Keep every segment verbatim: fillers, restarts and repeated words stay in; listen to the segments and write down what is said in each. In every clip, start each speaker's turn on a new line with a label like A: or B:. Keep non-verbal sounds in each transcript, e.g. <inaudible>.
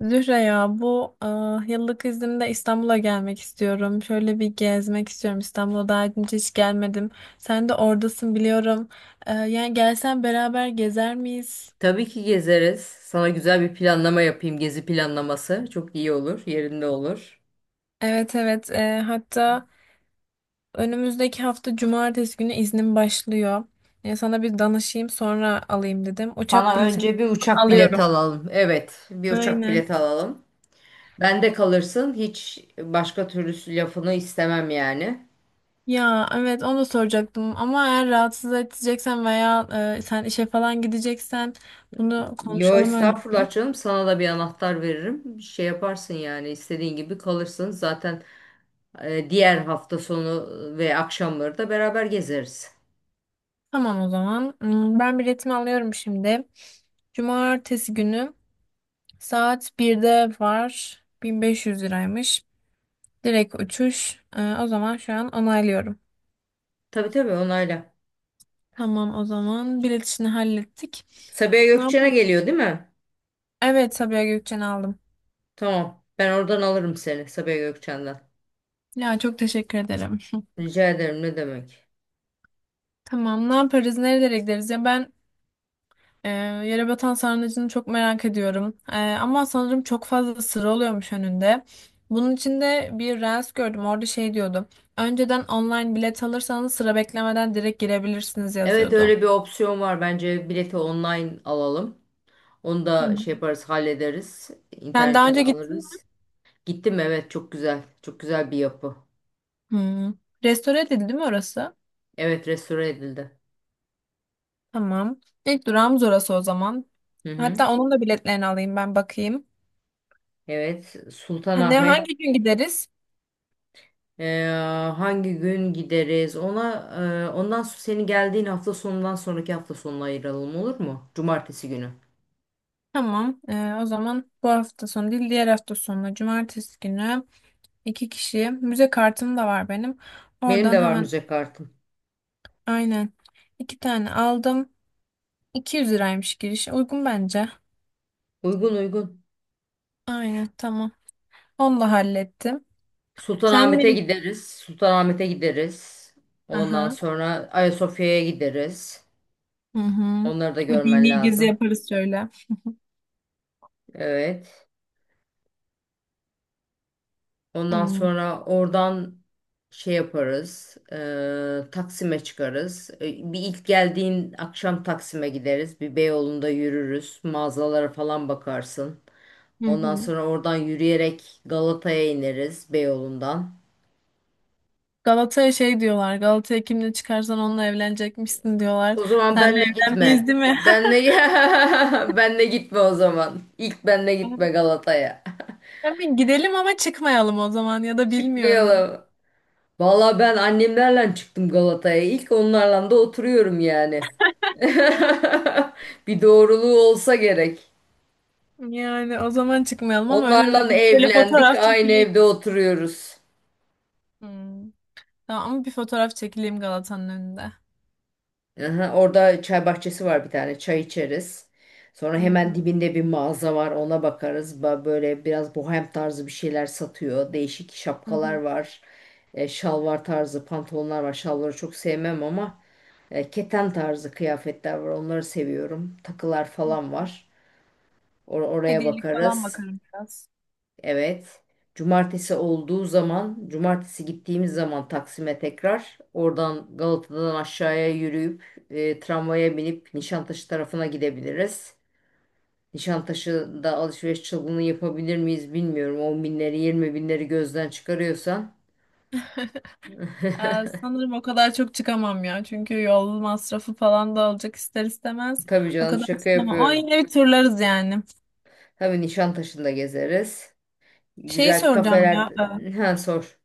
A: Zühre ya bu ah, yıllık iznimde İstanbul'a gelmek istiyorum. Şöyle bir gezmek istiyorum. İstanbul'a daha önce hiç gelmedim. Sen de oradasın biliyorum. Eee, yani gelsen beraber gezer miyiz?
B: Tabii ki gezeriz. Sana güzel bir planlama yapayım. Gezi planlaması. Çok iyi olur. Yerinde olur.
A: Evet, evet, Eee, hatta önümüzdeki hafta cumartesi günü iznim başlıyor. Ya sana bir danışayım sonra alayım dedim. Uçak
B: Sana
A: biletini
B: önce bir uçak
A: alıyorum.
B: bileti alalım. Evet, bir uçak
A: Aynen.
B: bileti alalım. Bende kalırsın. Hiç başka türlü lafını istemem yani.
A: Ya evet, onu da soracaktım ama eğer rahatsız edeceksen veya eee, sen işe falan gideceksen bunu
B: Yo
A: konuşalım önce.
B: estağfurullah canım. Sana da bir anahtar veririm. Şey yaparsın yani istediğin gibi kalırsın. Zaten e, diğer hafta sonu ve akşamları da beraber gezeriz.
A: Tamam o zaman. Hmm, Ben biletimi alıyorum şimdi. Cumartesi günü saat birde var. bin beş yüz liraymış. Direkt uçuş. Ee, o zaman şu an onaylıyorum.
B: Tabii tabii onayla.
A: Tamam o zaman bilet işini hallettik.
B: Sabiha
A: Ne
B: Gökçen'e
A: yapalım?
B: geliyor değil mi?
A: Evet, Sabiha Gökçen'i aldım.
B: Tamam. Ben oradan alırım seni Sabiha Gökçen'den.
A: Ya çok teşekkür ederim. <laughs>
B: Rica ederim ne demek.
A: Tamam, ne yaparız, nerelere gideriz ya, ben Ee, yere batan sarnıcını çok merak ediyorum. Ee, ama sanırım çok fazla sıra oluyormuş önünde. Bunun için de bir reels gördüm. Orada şey diyordu. Önceden online bilet alırsanız sıra beklemeden direkt girebilirsiniz
B: Evet
A: yazıyordu.
B: öyle bir opsiyon var. Bence bileti online alalım. Onu
A: Hı
B: da
A: hı.
B: şey yaparız hallederiz.
A: Sen daha
B: İnternetten
A: önce gittin mi?
B: alırız. Gittim evet çok güzel. Çok güzel bir yapı.
A: Hmm. Restore edildi değil mi orası?
B: Evet restore edildi.
A: Tamam. İlk durağımız orası o zaman.
B: Hı hı.
A: Hatta onun da biletlerini alayım, ben bakayım.
B: Evet
A: Ha, Ne
B: Sultanahmet.
A: hangi gün gideriz?
B: Ee, Hangi gün gideriz? Ona e, ondan sonra senin geldiğin hafta sonundan sonraki hafta sonuna ayıralım olur mu? Cumartesi günü.
A: Tamam. Ee, o zaman bu hafta sonu değil, diğer hafta sonu cumartesi günü. İki kişiye. Müze kartım da var benim.
B: Benim
A: Oradan
B: de var
A: hemen,
B: müze kartım.
A: aynen. İki tane aldım. iki yüz liraymış giriş. Uygun bence.
B: Uygun uygun.
A: Aynen, tamam. Onu da hallettim. Sen
B: Sultanahmet'e
A: benim...
B: gideriz. Sultanahmet'e gideriz. Ondan
A: Aha.
B: sonra Ayasofya'ya gideriz.
A: Hı hı.
B: Onları da
A: Bir
B: görmen
A: dini gezi
B: lazım.
A: yaparız şöyle.
B: Evet. Ondan
A: Hmm,
B: sonra oradan şey yaparız. e, Taksim'e çıkarız. E, bir ilk geldiğin akşam Taksim'e gideriz. Bir Beyoğlu'nda yürürüz. Mağazalara falan bakarsın.
A: hı
B: Ondan
A: hı.
B: sonra oradan yürüyerek Galata'ya ineriz Beyoğlu'ndan.
A: Galata'ya şey diyorlar. Galata'ya kimle çıkarsan onunla evlenecekmişsin diyorlar.
B: O zaman
A: Senle
B: benle
A: evlenmeyiz
B: gitme.
A: değil mi?
B: Benle <laughs> benle gitme o zaman. İlk benle gitme
A: <laughs>
B: Galata'ya.
A: Tabii gidelim ama çıkmayalım o zaman ya
B: <laughs>
A: da bilmiyorum.
B: Çıkmayalım. Valla ben annemlerle çıktım Galata'ya. İlk onlarla da oturuyorum yani. <laughs> Bir doğruluğu olsa gerek.
A: Yani o zaman çıkmayalım ama önünde
B: Onlarla
A: bir şöyle
B: evlendik,
A: fotoğraf
B: aynı
A: çekileyim.
B: evde oturuyoruz.
A: Hmm. Tamam ama bir fotoğraf çekileyim Galata'nın önünde.
B: Aha, orada çay bahçesi var bir tane. Çay içeriz. Sonra
A: Hı
B: hemen
A: hı,
B: dibinde bir mağaza var. Ona bakarız. Ba- Böyle biraz bohem tarzı bir şeyler satıyor. Değişik
A: hı
B: şapkalar
A: hı,
B: var. E, şalvar tarzı pantolonlar var. Şalvarı çok sevmem ama e, keten tarzı kıyafetler var. Onları seviyorum. Takılar
A: hı
B: falan
A: hı.
B: var. Or- oraya
A: Hediyelik falan
B: bakarız.
A: bakarım biraz.
B: Evet. Cumartesi olduğu zaman, cumartesi gittiğimiz zaman Taksim'e tekrar oradan Galata'dan aşağıya yürüyüp e, tramvaya binip Nişantaşı tarafına gidebiliriz. Nişantaşı'nda alışveriş çılgınlığı yapabilir miyiz bilmiyorum. on binleri yirmi binleri gözden çıkarıyorsan.
A: Ee,
B: <laughs>
A: sanırım o kadar çok çıkamam ya. Çünkü yol masrafı falan da olacak ister istemez.
B: Tabii
A: O
B: canım
A: kadar
B: şaka
A: istemem. Ama
B: yapıyorum.
A: yine bir turlarız yani.
B: Tabii Nişantaşı'nda gezeriz.
A: Şeyi
B: Güzel
A: soracağım
B: kafeler...
A: ya. e,
B: Ha sor.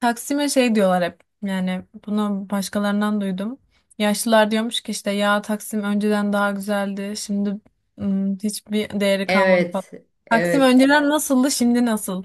A: Taksim'e şey diyorlar hep. Yani bunu başkalarından duydum. Yaşlılar diyormuş ki işte ya, Taksim önceden daha güzeldi. Şimdi hmm, hiçbir değeri kalmadı falan.
B: Evet.
A: Taksim
B: Evet.
A: önceden nasıldı, şimdi nasıl?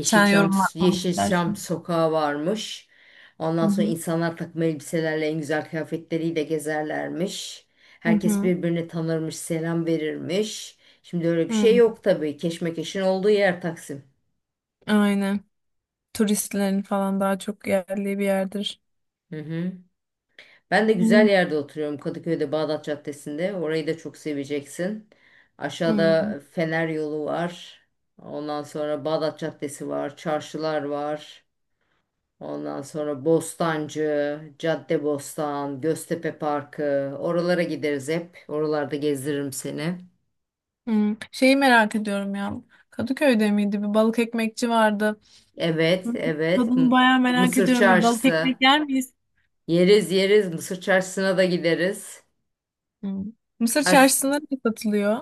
A: Sen yorum yapmak
B: Yeşilçam
A: istersen.
B: sokağı varmış.
A: Hı
B: Ondan sonra
A: hı.
B: insanlar takım elbiselerle en güzel kıyafetleriyle gezerlermiş.
A: Hı
B: Herkes
A: hı.
B: birbirini tanırmış, selam verirmiş. Şimdi öyle bir
A: Hı.
B: şey yok tabii. Keşmekeşin olduğu yer Taksim.
A: Aynen. Turistlerin falan daha çok yerli bir yerdir.
B: Hı hı. Ben de güzel
A: Hı.
B: yerde oturuyorum Kadıköy'de Bağdat Caddesi'nde. Orayı da çok seveceksin.
A: Hı.
B: Aşağıda Fener yolu var. Ondan sonra Bağdat Caddesi var, çarşılar var. Ondan sonra Bostancı, Caddebostan, Göztepe Parkı. Oralara gideriz hep. Oralarda gezdiririm seni.
A: Hı. Şeyi merak ediyorum ya. Kadıköy'de miydi? Bir balık ekmekçi vardı.
B: Evet,
A: Hı.
B: evet.
A: Tadını
B: M-
A: bayağı merak
B: Mısır
A: ediyorum. Bir balık
B: Çarşısı.
A: ekmek yer miyiz?
B: Yeriz yeriz. Mısır Çarşısı'na da gideriz.
A: Hı. Mısır
B: Ben s-
A: çarşısında ne satılıyor?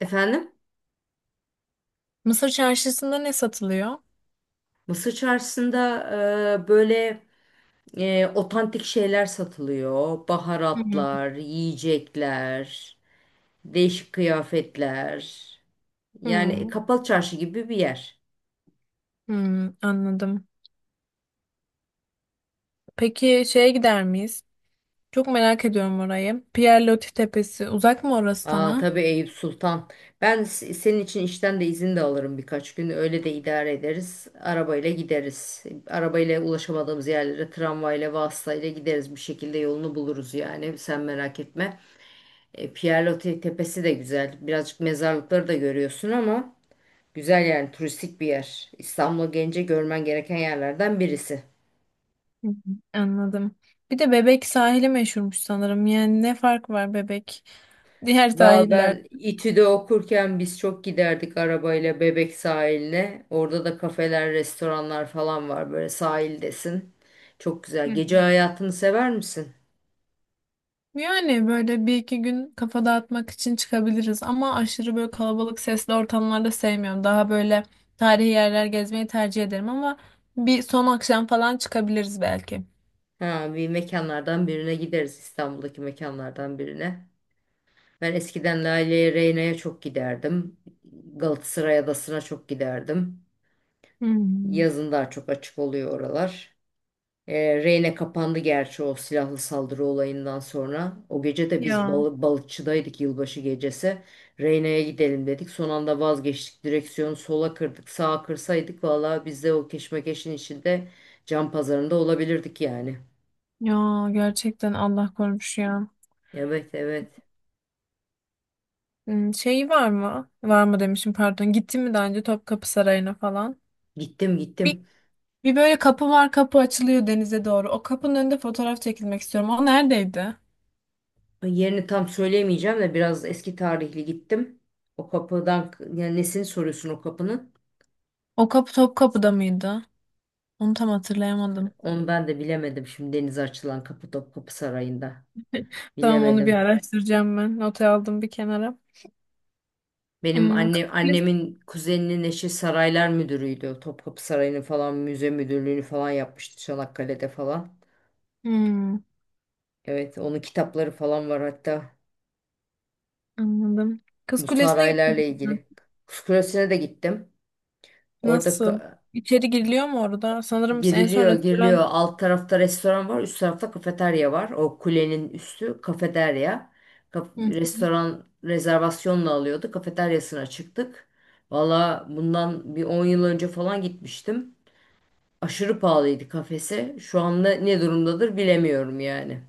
B: Efendim?
A: Mısır çarşısında ne satılıyor?
B: Mısır Çarşısı'nda e, böyle e, otantik şeyler satılıyor.
A: Hı.
B: Baharatlar, yiyecekler, değişik kıyafetler. Yani
A: Hı.
B: kapalı çarşı gibi bir yer.
A: Hı. Anladım. Peki şeye gider miyiz? Çok merak ediyorum orayı. Pierre Loti Tepesi uzak mı orası
B: Aa
A: sana?
B: tabii Eyüp Sultan. Ben s- senin için işten de izin de alırım birkaç gün. Öyle de idare ederiz. Arabayla gideriz. Arabayla ulaşamadığımız yerlere tramvayla, vasıtayla gideriz. Bir şekilde yolunu buluruz yani. Sen merak etme. E, Pierre Tepesi de güzel. Birazcık mezarlıkları da görüyorsun ama güzel yani turistik bir yer. İstanbul'a gelince görmen gereken yerlerden birisi.
A: Hı hı, anladım. Bir de Bebek sahili meşhurmuş sanırım. Yani ne fark var Bebek diğer
B: Valla
A: sahiller?
B: ben İTÜ'de okurken biz çok giderdik arabayla Bebek sahiline. Orada da kafeler, restoranlar falan var böyle sahildesin. Çok güzel.
A: Hı.
B: Gece hayatını sever misin?
A: Yani böyle bir iki gün kafa dağıtmak için çıkabiliriz ama aşırı böyle kalabalık sesli ortamlarda sevmiyorum. Daha böyle tarihi yerler gezmeyi tercih ederim ama bir son akşam falan çıkabiliriz belki.
B: Ha, bir mekanlardan birine gideriz. İstanbul'daki mekanlardan birine. Ben eskiden Lale'ye, Reyna'ya çok giderdim. Galatasaray Adası'na çok giderdim.
A: Hmm.
B: Yazın daha çok açık oluyor oralar. E, Reyne kapandı gerçi o silahlı saldırı olayından sonra. O gece de biz
A: Ya.
B: balı, balıkçıdaydık yılbaşı gecesi. Reyne'ye gidelim dedik. Son anda vazgeçtik. Direksiyonu sola kırdık. Sağa kırsaydık valla biz de o keşmekeşin içinde can pazarında olabilirdik yani.
A: Ya gerçekten Allah korumuş ya.
B: Evet evet.
A: Hmm, Şey var mı? Var mı demişim, pardon. Gittin mi daha önce Topkapı Sarayı'na falan?
B: Gittim gittim.
A: Bir böyle kapı var, kapı açılıyor denize doğru. O kapının önünde fotoğraf çekilmek istiyorum. O neredeydi?
B: Yerini tam söyleyemeyeceğim de biraz eski tarihli gittim. O kapıdan yani nesini soruyorsun o kapının?
A: O kapı Topkapı'da mıydı? Onu tam hatırlayamadım.
B: Onu ben de bilemedim şimdi denize açılan kapı Topkapı Sarayı'nda.
A: Tamam, onu bir
B: Bilemedim.
A: araştıracağım ben. Notu aldım bir kenara.
B: Benim
A: Hmm, Kız
B: anne,
A: Kulesi.
B: annemin kuzeninin eşi saraylar müdürüydü. Topkapı Sarayı'nı falan müze müdürlüğünü falan yapmıştı Çanakkale'de falan.
A: Hmm,
B: Evet onun kitapları falan var hatta
A: anladım. Kız
B: bu
A: Kulesi'ne gittim
B: saraylarla
A: ben.
B: ilgili. Kuşkulesi'ne de gittim. Orada
A: Nasıl?
B: ka-
A: İçeri giriliyor mu orada? Sanırım en son
B: giriliyor giriliyor
A: restoran...
B: alt tarafta restoran var üst tarafta kafeterya var. O kulenin üstü kafeterya. Kaf-
A: Hı hı.
B: restoran rezervasyonla alıyordu kafeteryasına çıktık. Valla bundan bir on yıl önce falan gitmiştim. Aşırı pahalıydı kafesi. Şu anda ne durumdadır bilemiyorum yani.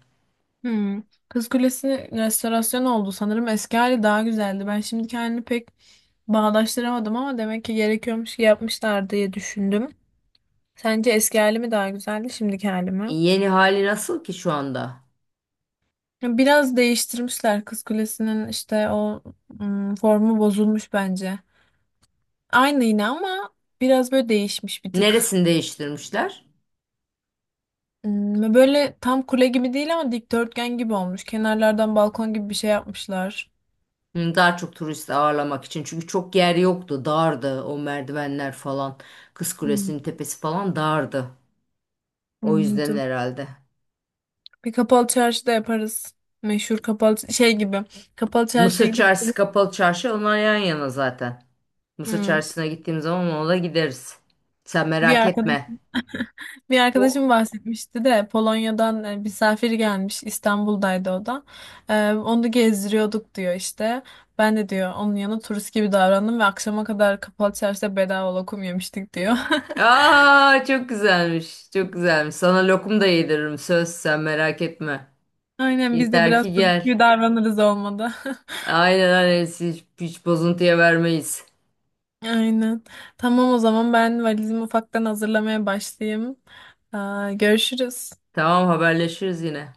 A: Hmm. Kız Kulesi'nin restorasyonu oldu. Sanırım eski hali daha güzeldi. Ben şimdi kendimi pek bağdaştıramadım ama demek ki gerekiyormuş ki yapmışlar diye düşündüm. Sence eski hali mi daha güzeldi, şimdiki hali
B: E,
A: mi?
B: Yeni hali nasıl ki şu anda?
A: Ya biraz değiştirmişler Kız Kulesi'nin, işte o mm, formu bozulmuş bence. Aynı yine ama biraz böyle değişmiş bir tık.
B: Neresini değiştirmişler?
A: Mm, Böyle tam kule gibi değil ama dikdörtgen gibi olmuş. Kenarlardan balkon gibi bir şey yapmışlar.
B: Hı, daha çok turist ağırlamak için. Çünkü çok yer yoktu. Dardı o merdivenler falan. Kız
A: Hmm,
B: Kulesi'nin tepesi falan dardı. O yüzden
A: anladım.
B: herhalde.
A: Bir kapalı çarşı da yaparız. Meşhur kapalı şey gibi. Kapalı çarşıya
B: Mısır
A: gidip...
B: Çarşısı kapalı çarşı onlar yan yana zaten. Mısır
A: Hmm.
B: Çarşısı'na gittiğim zaman ona da gideriz. Sen
A: bir
B: merak
A: arkadaş
B: etme.
A: Bir
B: O
A: arkadaşım bahsetmişti de, Polonya'dan e, misafir gelmiş, İstanbul'daydı o da. E, onu gezdiriyorduk diyor işte. Ben de diyor onun yanı turist gibi davrandım ve akşama kadar kapalı çarşıda bedava lokum yemiştik diyor. <laughs>
B: aa çok güzelmiş. Çok güzelmiş. Sana lokum da yediririm. Söz sen merak etme.
A: Aynen, biz de
B: Yeter
A: biraz
B: ki
A: turist
B: gel.
A: gibi davranırız olmadı.
B: Aynen aynen hiç, hiç bozuntuya vermeyiz.
A: <laughs> Aynen. Tamam o zaman ben valizimi ufaktan hazırlamaya başlayayım. Aa, görüşürüz.
B: Tamam haberleşiriz yine.